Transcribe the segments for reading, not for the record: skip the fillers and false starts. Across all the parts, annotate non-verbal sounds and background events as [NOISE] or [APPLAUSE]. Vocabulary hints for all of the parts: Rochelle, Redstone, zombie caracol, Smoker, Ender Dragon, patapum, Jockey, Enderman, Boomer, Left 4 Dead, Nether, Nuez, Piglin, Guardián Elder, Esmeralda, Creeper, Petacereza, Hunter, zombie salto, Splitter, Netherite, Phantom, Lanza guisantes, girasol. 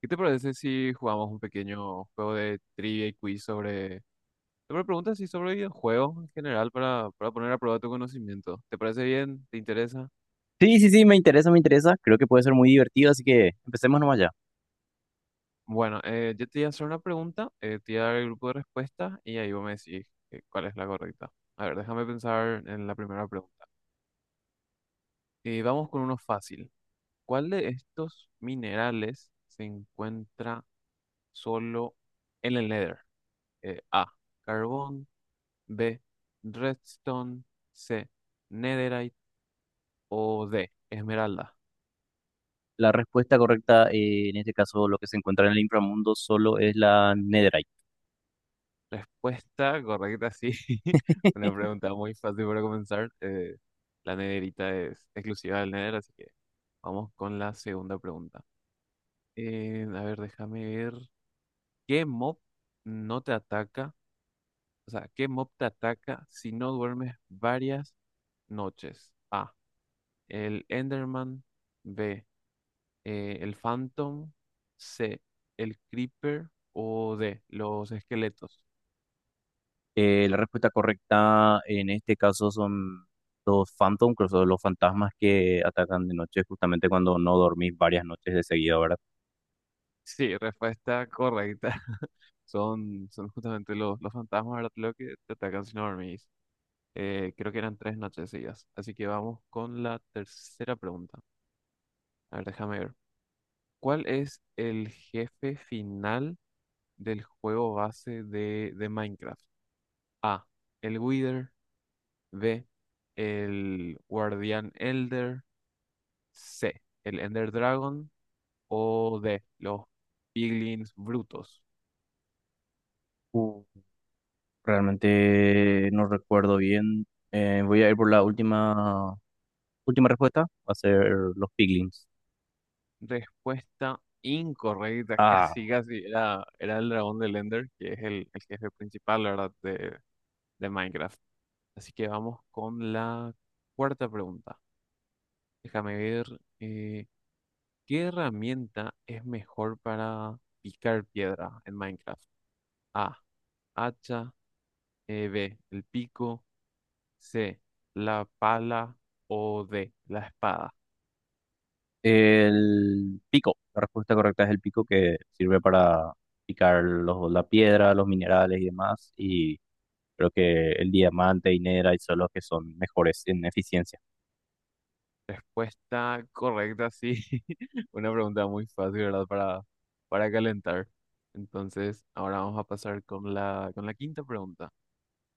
¿Qué te parece si jugamos un pequeño juego de trivia y quiz sobre preguntas y sobre videojuegos en general para poner a prueba tu conocimiento? ¿Te parece bien? ¿Te interesa? Sí, sí, sí, me interesa, me interesa. Creo que puede ser muy divertido, así que empecemos nomás ya. Bueno, yo te voy a hacer una pregunta, te voy a dar el grupo de respuestas y ahí vos me decís, cuál es la correcta. A ver, déjame pensar en la primera pregunta. Vamos con uno fácil. ¿Cuál de estos minerales se encuentra solo en el Nether? A, carbón. B, Redstone. C, Netherite. O D, Esmeralda. La respuesta correcta, en este caso, lo que se encuentra en el inframundo solo es la Netherite. Respuesta correcta, sí. [LAUGHS] Una [LAUGHS] pregunta muy fácil para comenzar. La nederita es exclusiva del Nether, así que vamos con la segunda pregunta. A ver, déjame ver. ¿Qué mob no te ataca? O sea, ¿qué mob te ataca si no duermes varias noches? A, el Enderman. B, el Phantom. C, el Creeper. O D, los esqueletos. La respuesta correcta, en este caso, son los Phantom, que son los fantasmas que atacan de noche, justamente cuando no dormís varias noches de seguida, ¿verdad? Sí, respuesta correcta. [LAUGHS] Son justamente los fantasmas, ¿verdad? Lo que te atacan si no dormís. Creo que eran tres noches seguidas. Así que vamos con la tercera pregunta. A ver, déjame ver. ¿Cuál es el jefe final del juego base de Minecraft? A, el Wither. B, el Guardián Elder. C, el Ender Dragon. O D, los piglins brutos. Uh, realmente no recuerdo bien. Voy a ir por la última respuesta, va a ser los Piglins. Respuesta incorrecta, [LAUGHS] Ah. casi casi era, era el dragón de Ender, que es el jefe principal, la verdad, de Minecraft. Así que vamos con la cuarta pregunta. Déjame ver. eh, ¿Qué herramienta es mejor para picar piedra en Minecraft? A, hacha. B, el pico. C, la pala. O D, la espada. El pico, la respuesta correcta es el pico que sirve para picar la piedra, los minerales y demás. Y creo que el diamante y nera y son los que son mejores en eficiencia. Respuesta correcta, sí. [LAUGHS] Una pregunta muy fácil, ¿verdad? Para calentar. Entonces, ahora vamos a pasar con la quinta pregunta.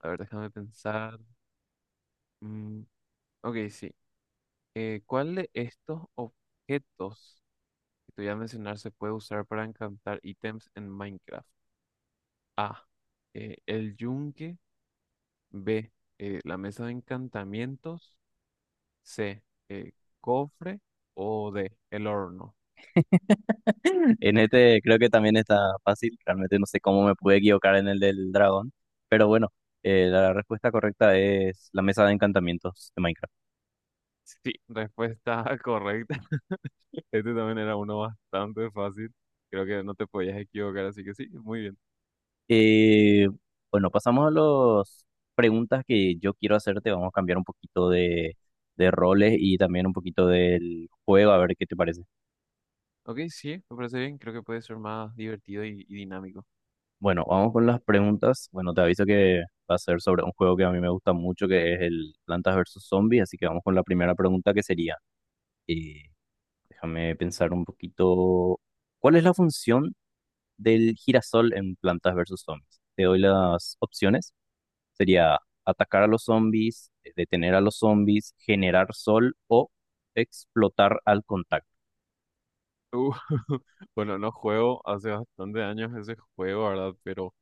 A ver, déjame pensar. Mm, ok, sí. ¿Cuál de estos objetos que te voy a mencionar se puede usar para encantar ítems en Minecraft? A, el yunque. B, la mesa de encantamientos. C, eh, cofre. O D, el horno. En este creo que también está fácil. Realmente no sé cómo me pude equivocar en el del dragón. Pero bueno, la respuesta correcta es la mesa de encantamientos de Minecraft. Sí, respuesta [LAUGHS] correcta. [LAUGHS] Este también era uno bastante fácil. Creo que no te podías equivocar, así que sí, muy bien. Eh, bueno, pasamos a las preguntas que yo quiero hacerte. Vamos a cambiar un poquito de roles y también un poquito del juego, a ver qué te parece. Ok, sí, me parece bien. Creo que puede ser más divertido y dinámico. Bueno, vamos con las preguntas. Bueno, te aviso que va a ser sobre un juego que a mí me gusta mucho, que es el Plantas versus Zombies. Así que vamos con la primera pregunta, que sería, eh, déjame pensar un poquito, ¿cuál es la función del girasol en Plantas versus Zombies? Te doy las opciones. Sería atacar a los zombies, detener a los zombies, generar sol o explotar al contacto. Uh, [LAUGHS] bueno, no juego hace bastante años ese juego, ¿verdad? Pero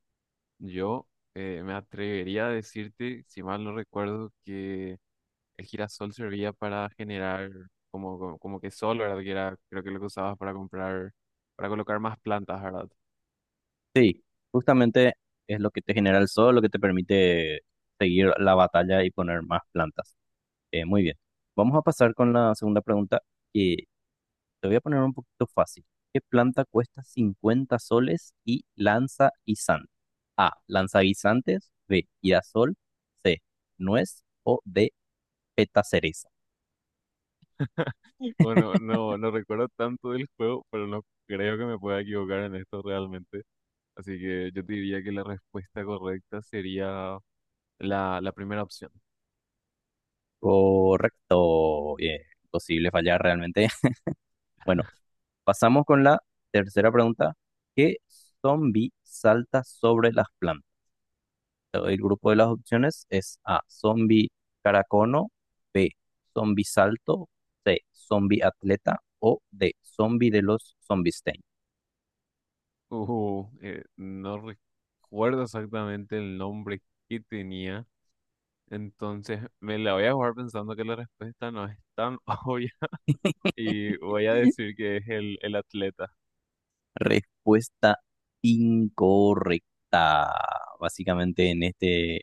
yo, me atrevería a decirte, si mal no recuerdo, que el girasol servía para generar como que sol, ¿verdad? Que era, creo que lo que usabas para comprar, para colocar más plantas, ¿verdad? Sí, justamente es lo que te genera el sol, lo que te permite seguir la batalla y poner más plantas. Muy bien. Vamos a pasar con la segunda pregunta que te voy a poner un poquito fácil. ¿Qué planta cuesta 50 soles y lanza guisantes? A, lanza guisantes. B, girasol. C, nuez. O D, petaceres. Bueno, no, no recuerdo tanto del juego, pero no creo que me pueda equivocar en esto realmente. Así que yo te diría que la respuesta correcta sería la primera opción. Correcto, bien, imposible fallar realmente. [LAUGHS] Bueno, pasamos con la tercera pregunta. ¿Qué zombie salta sobre las plantas? Te doy el grupo de las opciones es A, zombie caracono, B, zombie salto, C, zombie atleta o D, zombie de los zombies. No recuerdo exactamente el nombre que tenía, entonces me la voy a jugar pensando que la respuesta no es tan [LAUGHS] obvia y voy a decir que es el atleta. Respuesta incorrecta. Básicamente en este, en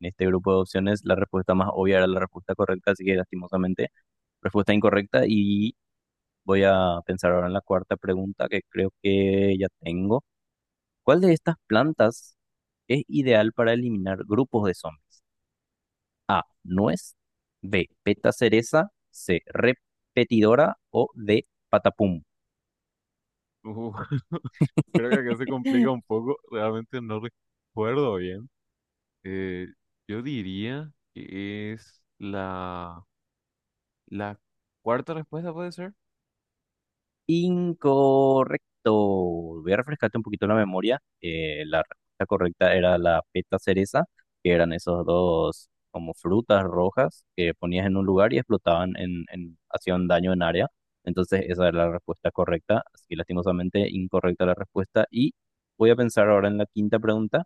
este grupo de opciones la respuesta más obvia era la respuesta correcta, así que lastimosamente respuesta incorrecta y voy a pensar ahora en la cuarta pregunta que creo que ya tengo. ¿Cuál de estas plantas es ideal para eliminar grupos de zombies? A, nuez, B, peta cereza, C, repetidora o D, patapum. Uh, [LAUGHS] creo que acá se complica [LAUGHS] un poco, realmente no recuerdo bien. Eh, yo diría que es la cuarta respuesta, ¿puede ser? Incorrecto. Voy a refrescarte un poquito la memoria. La respuesta correcta era la peta cereza, que eran esos dos como frutas rojas que ponías en un lugar y explotaban hacían daño en área. Entonces esa era la respuesta correcta. Así que lastimosamente incorrecta la respuesta. Y voy a pensar ahora en la quinta pregunta.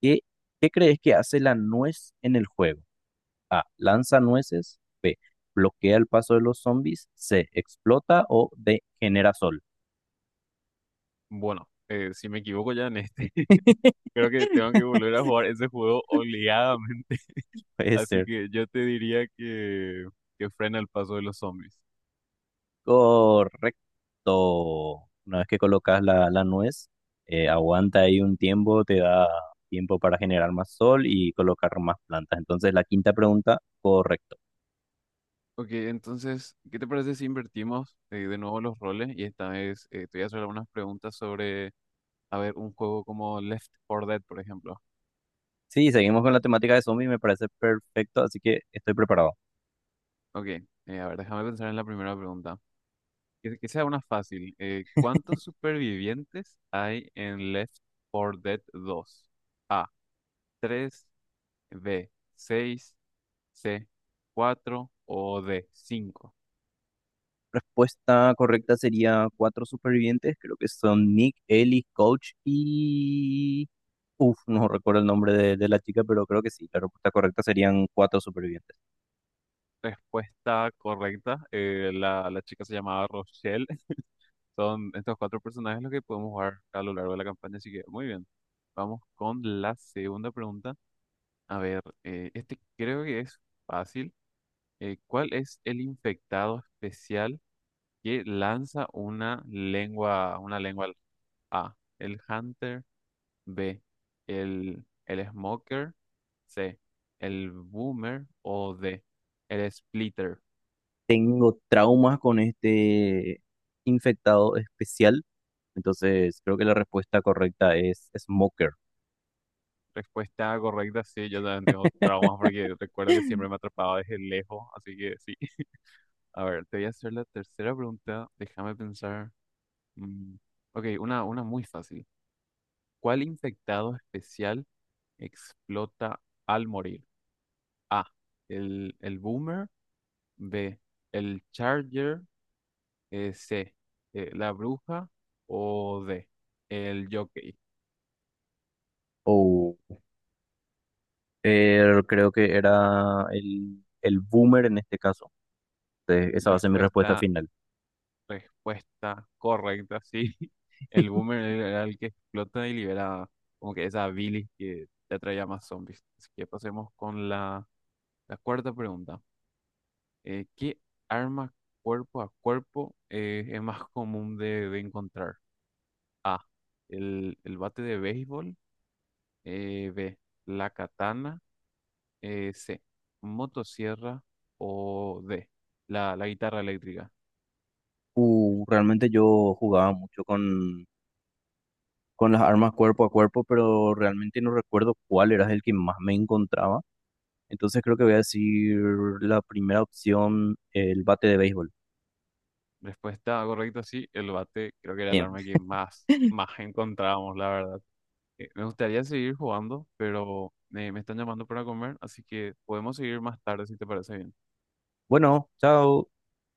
¿Qué, qué crees que hace la nuez en el juego? A, lanza nueces. B, bloquea el paso de los zombies. C, explota o D, genera sol. Bueno, si me equivoco ya en este, [LAUGHS] creo que tengo que volver a jugar ese juego obligadamente. [LAUGHS] Puede Así ser. que yo te diría que frena el paso de los zombies. Correcto. Una vez que colocas la nuez, aguanta ahí un tiempo, te da tiempo para generar más sol y colocar más plantas. Entonces, la quinta pregunta, correcto. Ok, entonces, ¿qué te parece si invertimos, de nuevo los roles? Y esta vez, te voy a hacer algunas preguntas sobre, a ver, un juego como Left 4 Dead, por ejemplo. Sí, seguimos con la temática de zombies, me parece perfecto, así que estoy preparado. Ok, a ver, déjame pensar en la primera pregunta. Que sea una fácil. ¿Cuántos supervivientes hay en Left 4 Dead 2? A, tres. B, seis. C, cuatro. O D, cinco. Respuesta correcta sería cuatro supervivientes, creo que son Nick, Ellie, Coach y... Uf, no recuerdo el nombre de la chica, pero creo que sí, la respuesta correcta serían cuatro supervivientes. Respuesta correcta. La chica se llamaba Rochelle. [LAUGHS] Son estos cuatro personajes los que podemos jugar a lo largo de la campaña, así que muy bien. Vamos con la segunda pregunta. A ver, este creo que es fácil. ¿Cuál es el infectado especial que lanza una lengua al-? A, el Hunter. B, el Smoker. C, el Boomer. O D, el Splitter. Tengo traumas con este infectado especial. Entonces, creo que la respuesta correcta es Smoker. Respuesta correcta, sí, yo también tengo traumas [LAUGHS] porque recuerdo que siempre me atrapaba desde lejos, así que sí. [LAUGHS] A ver, te voy a hacer la tercera pregunta. Déjame pensar. Mm, ok, una muy fácil. ¿Cuál infectado especial explota al morir? A, el Boomer. B, el Charger. C, la bruja. O D, el jockey. O creo que era el Boomer en este caso. Entonces, esa va a ser mi respuesta Respuesta, final. Respuesta correcta, sí. [LAUGHS] El [LAUGHS] Boomer era el que explota y libera como que esa bilis que te atraía más zombies. Así que pasemos con la cuarta pregunta. ¿Qué arma cuerpo a cuerpo, es más común de encontrar? A, el bate de béisbol. B, la katana. C, motosierra. O D, la guitarra eléctrica. Realmente yo jugaba mucho con las armas cuerpo a cuerpo, pero realmente no recuerdo cuál era el que más me encontraba. Entonces creo que voy a decir la primera opción, el bate de béisbol. Respuesta correcta, sí, el bate creo que era el Bien. arma que más encontrábamos, la verdad. Me gustaría seguir jugando, pero, me están llamando para comer, así que podemos seguir más tarde si te parece bien. Bueno, chao.